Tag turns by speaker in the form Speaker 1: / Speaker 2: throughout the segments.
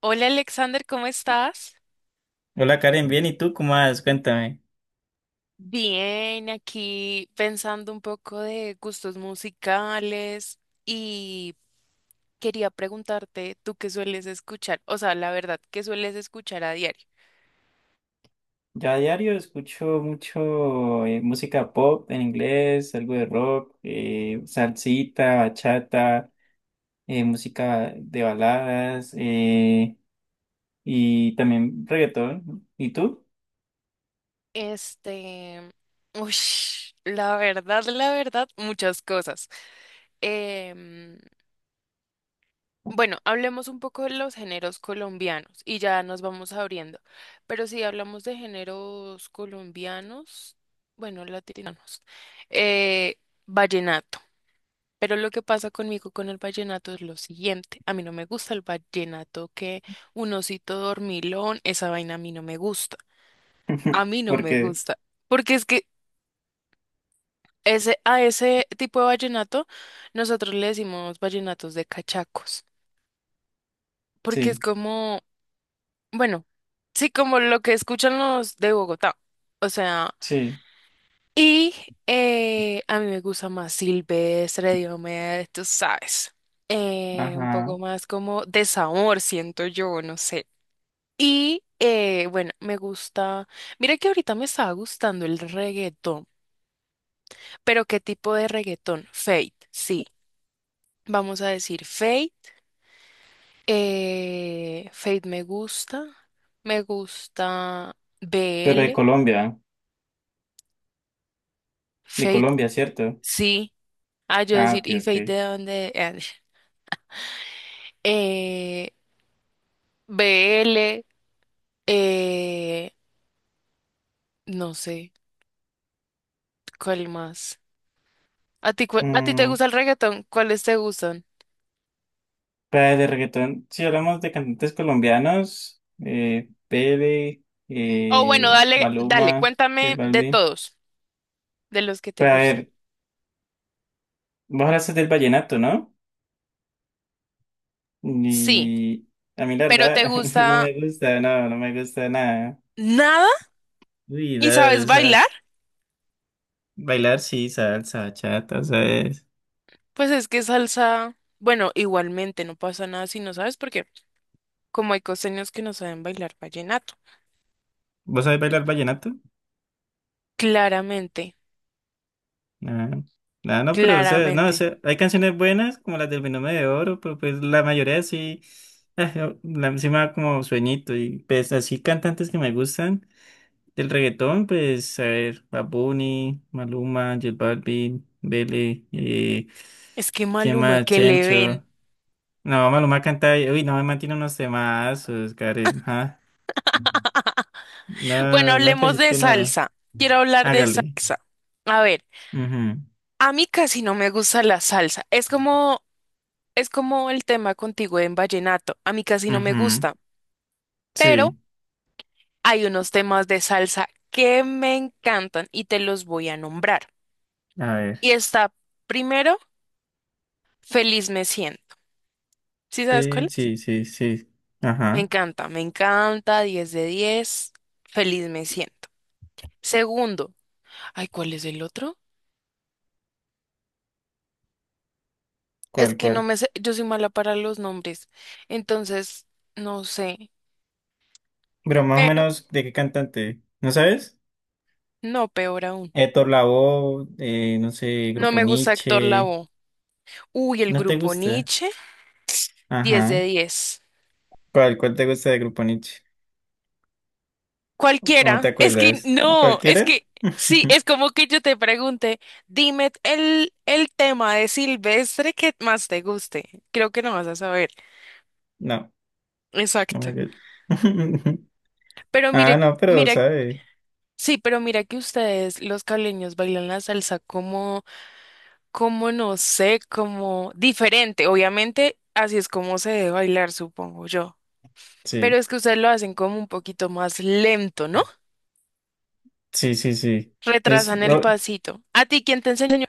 Speaker 1: Hola Alexander, ¿cómo estás?
Speaker 2: Hola Karen, bien, ¿y tú cómo vas? Cuéntame.
Speaker 1: Bien, aquí pensando un poco de gustos musicales y quería preguntarte, ¿tú qué sueles escuchar? O sea, la verdad, ¿qué sueles escuchar a diario?
Speaker 2: Ya a diario escucho mucho música pop en inglés, algo de rock, salsita, bachata, música de baladas y también reggaetón. ¿Y tú?
Speaker 1: Este, uy, la verdad, muchas cosas. Em, Bueno, hablemos un poco de los géneros colombianos y ya nos vamos abriendo. Pero si hablamos de géneros colombianos, bueno, latinos, eh, vallenato. Pero lo que pasa conmigo con el vallenato es lo siguiente. A mí no me gusta el vallenato que un osito dormilón, esa vaina a mí no me gusta. A mí no me
Speaker 2: Porque
Speaker 1: gusta. Porque es que ese, a ese tipo de vallenato nosotros le decimos vallenatos de cachacos. Porque es
Speaker 2: sí,
Speaker 1: como bueno, sí, como lo que escuchan los de Bogotá. O sea,
Speaker 2: sí,
Speaker 1: y a mí me gusta más Silvestre, Diomedes, tú sabes. Un poco
Speaker 2: ajá.
Speaker 1: más como desamor, siento yo, no sé. Y bueno, me gusta. Mira que ahorita me estaba gustando el reggaetón, pero ¿qué tipo de reggaetón? Fate, sí. Vamos a decir Fate. Fate me gusta. Me gusta
Speaker 2: Pero
Speaker 1: BL.
Speaker 2: De Colombia, ¿cierto?
Speaker 1: Sí, ah, yo
Speaker 2: Ah,
Speaker 1: decir,
Speaker 2: ok,
Speaker 1: ¿y Fate
Speaker 2: ok.
Speaker 1: de dónde? Eh, BL, eh, no sé, ¿cuál más? ¿A ti, a ti te
Speaker 2: Mm,
Speaker 1: gusta el reggaetón? ¿Cuáles te gustan?
Speaker 2: Para de reggaetón, si hablamos de cantantes colombianos, Pele,
Speaker 1: Oh, bueno, dale, dale,
Speaker 2: Maluma, J
Speaker 1: cuéntame de
Speaker 2: Balvin.
Speaker 1: todos, de los que te
Speaker 2: Pero a
Speaker 1: gustan.
Speaker 2: ver, vos hablaste del vallenato, ¿no?
Speaker 1: Sí,
Speaker 2: Y a mí la
Speaker 1: pero ¿te
Speaker 2: verdad no
Speaker 1: gusta
Speaker 2: me gusta, no, no me gusta nada.
Speaker 1: nada?
Speaker 2: Uy, no,
Speaker 1: ¿Y sabes bailar?
Speaker 2: esas, bailar sí, salsa, chata, ¿sabes?
Speaker 1: Pues es que salsa, bueno, igualmente no pasa nada si no sabes, porque como hay costeños que no saben bailar vallenato.
Speaker 2: ¿Vos sabés bailar vallenato?
Speaker 1: Claramente,
Speaker 2: Ah, ah, no, pero o sea, no, o
Speaker 1: claramente.
Speaker 2: sea, hay canciones buenas como las del Binomio de Oro, pero pues la mayoría sí, ah, yo- la, sí me da como sueñito. Y pues así cantantes que me gustan del reggaetón, pues a ver, Bad Bunny, Maluma, J Balvin, Bele,
Speaker 1: Es que
Speaker 2: ¿quién
Speaker 1: Maluma,
Speaker 2: más?
Speaker 1: que le ven.
Speaker 2: Chencho. No, Maluma canta, uy, no, me mantiene unos temazos, Karen, ah.
Speaker 1: Bueno,
Speaker 2: No, no me puede
Speaker 1: hablemos
Speaker 2: decir
Speaker 1: de
Speaker 2: que nada.
Speaker 1: salsa. Quiero hablar de
Speaker 2: Hágale.
Speaker 1: salsa. A ver,
Speaker 2: Ujú,
Speaker 1: a mí casi no me gusta la salsa. Es como el tema contigo en vallenato. A mí casi no me
Speaker 2: ujú,
Speaker 1: gusta. Pero
Speaker 2: sí,
Speaker 1: hay unos temas de salsa que me encantan y te los voy a nombrar.
Speaker 2: a
Speaker 1: Y
Speaker 2: ver.
Speaker 1: está primero, Feliz me siento. ¿Sí sabes
Speaker 2: Sí,
Speaker 1: cuál es?
Speaker 2: sí, sí, sí. Ajá.
Speaker 1: Me encanta, 10 de 10, Feliz me siento. Segundo, ay, ¿cuál es el otro? Es
Speaker 2: ¿Cuál,
Speaker 1: que no
Speaker 2: cuál?
Speaker 1: me sé, yo soy mala para los nombres, entonces no sé,
Speaker 2: Pero más o
Speaker 1: pero
Speaker 2: menos, ¿de qué cantante? ¿No sabes?
Speaker 1: no, peor aún.
Speaker 2: Héctor Lavoe, no sé,
Speaker 1: No
Speaker 2: Grupo
Speaker 1: me gusta Héctor
Speaker 2: Nietzsche.
Speaker 1: Lavoe. Uy, el
Speaker 2: ¿No te
Speaker 1: grupo
Speaker 2: gusta?
Speaker 1: Nietzsche, 10 de
Speaker 2: Ajá.
Speaker 1: diez.
Speaker 2: ¿Cuál, cuál te gusta de Grupo Nietzsche? ¿O no
Speaker 1: Cualquiera,
Speaker 2: te
Speaker 1: es que
Speaker 2: acuerdas? ¿A
Speaker 1: no, es
Speaker 2: cualquiera?
Speaker 1: que sí, es como que yo te pregunte, dime el tema de Silvestre que más te guste. Creo que no vas a saber.
Speaker 2: No, no me
Speaker 1: Exacto.
Speaker 2: gusta.
Speaker 1: Pero
Speaker 2: Ah,
Speaker 1: mire,
Speaker 2: no, pero
Speaker 1: mira,
Speaker 2: sabe.
Speaker 1: sí, pero mira que ustedes, los caleños, bailan la salsa como como no sé, como diferente. Obviamente, así es como se debe bailar, supongo yo. Pero
Speaker 2: Sí,
Speaker 1: es que ustedes lo hacen como un poquito más lento, ¿no?
Speaker 2: sí, sí, sí. Es,
Speaker 1: Retrasan el pasito. ¿A ti quién te enseñó?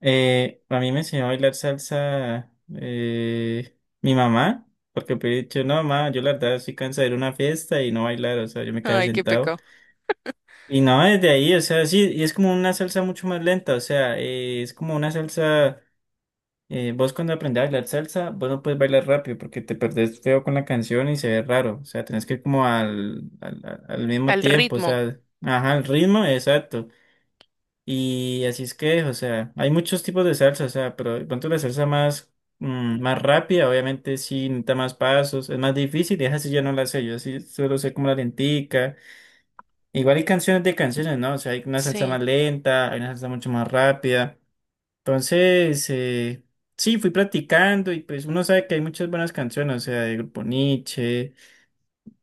Speaker 2: A mí me enseñó a bailar salsa mi mamá, porque me he dicho, no, mamá, yo la verdad estoy cansada de ir a una fiesta y no bailar, o sea, yo me quedaba
Speaker 1: Ay, qué
Speaker 2: sentado.
Speaker 1: pecado.
Speaker 2: Y no, desde ahí, o sea, sí, y es como una salsa mucho más lenta, o sea, es como una salsa, vos cuando aprendés a bailar salsa, vos no puedes bailar rápido porque te perdés feo con la canción y se ve raro, o sea, tenés que ir como al mismo
Speaker 1: Al
Speaker 2: tiempo, o
Speaker 1: ritmo.
Speaker 2: sea, ajá, el ritmo, exacto. Y así es que, o sea, hay muchos tipos de salsa, o sea, pero de pronto la salsa más, más rápida, obviamente sí necesita más pasos, es más difícil, y esa sí yo no la sé, yo sí solo sé como la lentica. Igual hay canciones de canciones, ¿no? O sea, hay una salsa
Speaker 1: Sí.
Speaker 2: más lenta, hay una salsa mucho más rápida. Entonces, sí, fui practicando y pues uno sabe que hay muchas buenas canciones, o sea, de Grupo Nietzsche.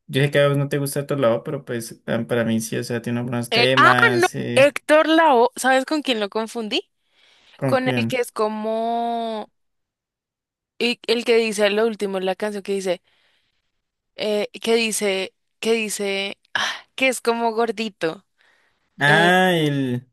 Speaker 2: Yo sé que a vos no te gusta otro lado, pero pues ah, para mí sí, o sea, tiene unos buenos
Speaker 1: Eh, ah, no.
Speaker 2: temas,
Speaker 1: Héctor Lavoe, ¿sabes con quién lo confundí?
Speaker 2: con
Speaker 1: Con el que
Speaker 2: quién.
Speaker 1: es como y el que dice lo último, en la canción que dice, que dice, que dice, ah, que es como gordito, eh,
Speaker 2: Ah, el...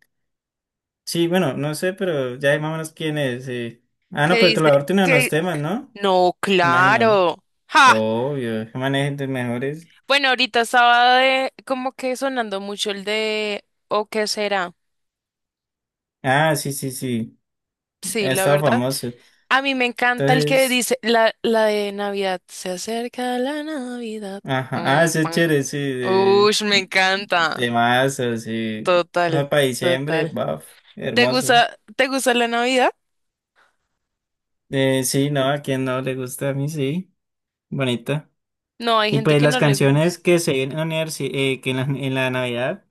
Speaker 2: Sí, bueno, no sé, pero ya hay más o menos quién es, sí. Ah,
Speaker 1: que
Speaker 2: no, pero
Speaker 1: dice,
Speaker 2: Trovador tiene unos
Speaker 1: que
Speaker 2: temas, ¿no?
Speaker 1: no,
Speaker 2: Imagino.
Speaker 1: claro. ¡Ja!
Speaker 2: Obvio, que manejen de mejores.
Speaker 1: Bueno, ahorita estaba de, como que sonando mucho el de ¿o qué será?
Speaker 2: Ah, sí, sí, sí.
Speaker 1: Sí,
Speaker 2: Ha
Speaker 1: la
Speaker 2: estado
Speaker 1: verdad.
Speaker 2: famoso.
Speaker 1: A mí me encanta el que
Speaker 2: Entonces,
Speaker 1: dice la de Navidad. Se acerca la Navidad.
Speaker 2: ajá. Ah,
Speaker 1: Mm,
Speaker 2: ese es
Speaker 1: pan.
Speaker 2: chévere, sí,
Speaker 1: Ush, me encanta.
Speaker 2: de mazo, sí.
Speaker 1: Total,
Speaker 2: Ah, para diciembre,
Speaker 1: total.
Speaker 2: baf, hermoso.
Speaker 1: Te gusta la Navidad?
Speaker 2: Sí, no, a quien no le gusta a mí, sí. Bonita.
Speaker 1: No, hay
Speaker 2: Y
Speaker 1: gente
Speaker 2: pues
Speaker 1: que
Speaker 2: las
Speaker 1: no le gusta.
Speaker 2: canciones que se vienen a unir, sí, que en la Navidad.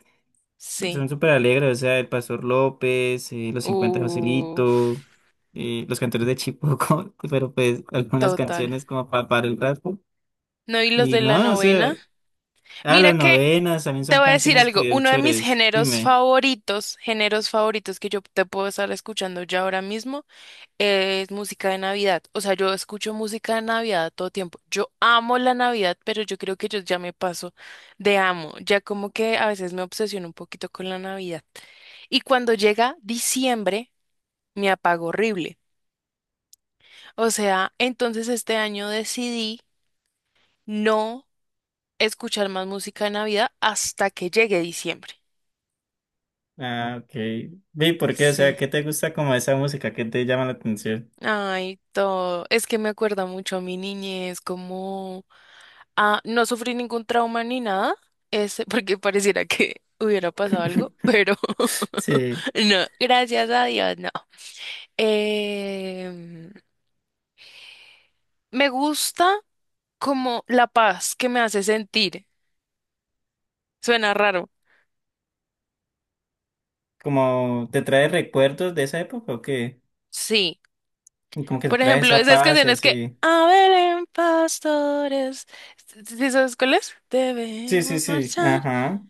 Speaker 1: Sí.
Speaker 2: Son súper alegres, o sea, el Pastor López, los 50 de
Speaker 1: Uf,
Speaker 2: Joselito, los cantores de Chipoco, pero pues algunas
Speaker 1: total.
Speaker 2: canciones como para, el rato.
Speaker 1: No, y los
Speaker 2: Y
Speaker 1: de la
Speaker 2: no, o
Speaker 1: novena.
Speaker 2: sea, ah,
Speaker 1: Mira
Speaker 2: las
Speaker 1: que
Speaker 2: novenas también
Speaker 1: te
Speaker 2: son
Speaker 1: voy a decir
Speaker 2: canciones
Speaker 1: algo,
Speaker 2: que son
Speaker 1: uno de mis
Speaker 2: chéveres. Dime.
Speaker 1: géneros favoritos que yo te puedo estar escuchando ya ahora mismo es música de Navidad. O sea, yo escucho música de Navidad todo tiempo. Yo amo la Navidad, pero yo creo que yo ya me paso de amo. Ya como que a veces me obsesiono un poquito con la Navidad. Y cuando llega diciembre, me apago horrible. O sea, entonces este año decidí no escuchar más música de Navidad hasta que llegue diciembre.
Speaker 2: Ah, ok. Vi, ¿por qué? O sea,
Speaker 1: Sí.
Speaker 2: ¿qué te gusta como esa música? ¿Qué te llama la atención?
Speaker 1: Ay, todo. Es que me acuerda mucho a mi niñez, como ah, no sufrí ningún trauma ni nada, es porque pareciera que hubiera pasado algo, pero
Speaker 2: Sí,
Speaker 1: no, gracias a Dios, no. Em, me gusta como la paz que me hace sentir. Suena raro.
Speaker 2: ¿como te trae recuerdos de esa época o qué?
Speaker 1: Sí.
Speaker 2: Como que te
Speaker 1: Por
Speaker 2: trae
Speaker 1: ejemplo,
Speaker 2: esa
Speaker 1: esas
Speaker 2: paz y
Speaker 1: canciones que
Speaker 2: así.
Speaker 1: a ver, en pastores. ¿Sí sabes cuáles?
Speaker 2: Sí, sí,
Speaker 1: Debemos
Speaker 2: sí,
Speaker 1: marchar.
Speaker 2: ajá,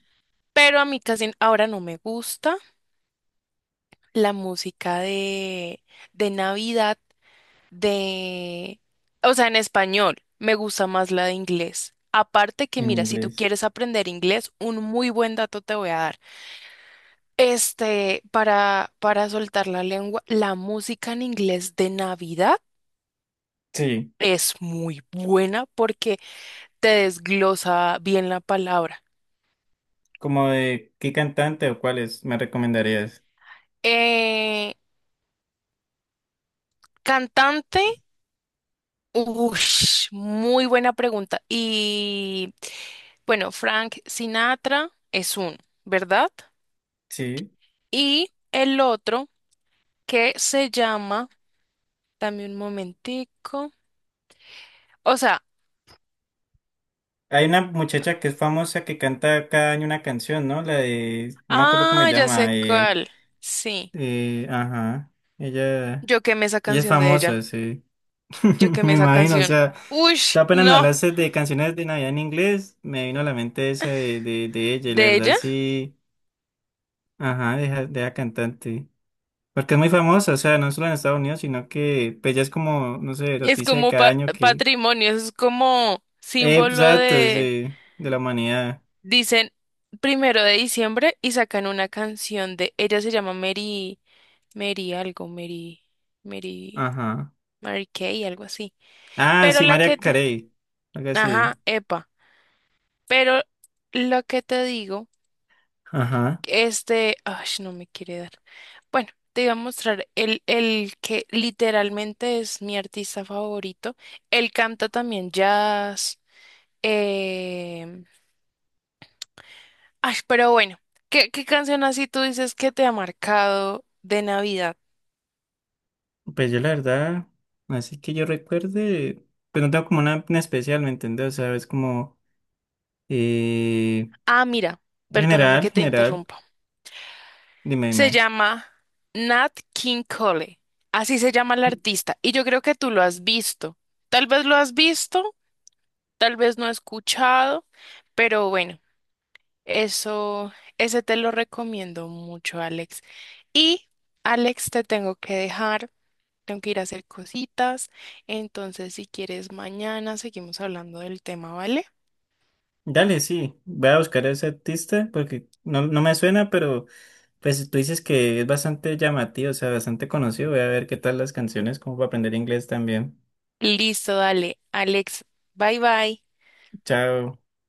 Speaker 1: Pero a mí casi ahora no me gusta la música de Navidad, de, o sea, en español, me gusta más la de inglés. Aparte que,
Speaker 2: en
Speaker 1: mira, si tú
Speaker 2: inglés.
Speaker 1: quieres aprender inglés, un muy buen dato te voy a dar. Este, para soltar la lengua, la música en inglés de Navidad
Speaker 2: Sí.
Speaker 1: es muy buena porque te desglosa bien la palabra.
Speaker 2: Como de qué cantante o cuáles me recomendarías.
Speaker 1: Eh, cantante. Ush, muy buena pregunta. Y bueno, Frank Sinatra es uno, ¿verdad?
Speaker 2: Sí.
Speaker 1: Y el otro que se llama, dame un momentico. O sea,
Speaker 2: Hay una muchacha que es famosa que canta cada año una canción, ¿no? La de, no me acuerdo cómo se
Speaker 1: ah, ya sé
Speaker 2: llama.
Speaker 1: cuál. Sí,
Speaker 2: Ajá. Ella,
Speaker 1: yo quemé esa
Speaker 2: ella es
Speaker 1: canción de
Speaker 2: famosa,
Speaker 1: ella.
Speaker 2: sí.
Speaker 1: Yo quemé
Speaker 2: Me
Speaker 1: esa
Speaker 2: imagino, o
Speaker 1: canción.
Speaker 2: sea,
Speaker 1: Ush,
Speaker 2: tú apenas me
Speaker 1: no,
Speaker 2: hablaste de canciones de Navidad en inglés, me vino a la mente esa de ella, y la
Speaker 1: de
Speaker 2: verdad
Speaker 1: ella.
Speaker 2: sí. Ajá, deja, deja cantante. Porque es muy famosa, o sea, no solo en Estados Unidos, sino que pues ya es como, no sé,
Speaker 1: Es
Speaker 2: noticia de
Speaker 1: como
Speaker 2: cada año que
Speaker 1: patrimonio, es como
Speaker 2: Pues,
Speaker 1: símbolo.
Speaker 2: exacto, sí, de la humanidad.
Speaker 1: Dicen primero de diciembre y sacan una canción de ella se llama Mary, Mary algo, Mary,
Speaker 2: Ajá.
Speaker 1: Mary Kay, algo así.
Speaker 2: Ah,
Speaker 1: Pero
Speaker 2: sí,
Speaker 1: la
Speaker 2: María
Speaker 1: que te,
Speaker 2: Carey. Algo
Speaker 1: ajá,
Speaker 2: así.
Speaker 1: epa. Pero lo que te digo,
Speaker 2: Ajá.
Speaker 1: este, ay, no me quiere dar. Bueno, te iba a mostrar el que literalmente es mi artista favorito. Él canta también jazz, em, ay, pero bueno, ¿qué canción así tú dices que te ha marcado de Navidad?
Speaker 2: Pues yo la verdad, así que yo recuerde, pues no tengo como una en especial, ¿me entiendes? O sea, es como eh,
Speaker 1: Ah, mira, perdóname
Speaker 2: general,
Speaker 1: que te
Speaker 2: general.
Speaker 1: interrumpa.
Speaker 2: Dime,
Speaker 1: Se
Speaker 2: dime.
Speaker 1: llama Nat King Cole. Así se llama el artista. Y yo creo que tú lo has visto. Tal vez lo has visto, tal vez no escuchado, pero bueno, eso, ese te lo recomiendo mucho, Alex. Y, Alex, te tengo que dejar. Tengo que ir a hacer cositas. Entonces, si quieres, mañana seguimos hablando del tema, ¿vale?
Speaker 2: Dale, sí. Voy a buscar a ese artista porque no, no me suena, pero pues tú dices que es bastante llamativo, o sea, bastante conocido. Voy a ver qué tal las canciones, como para aprender inglés también.
Speaker 1: Listo, dale, Alex. Bye bye.
Speaker 2: Chao.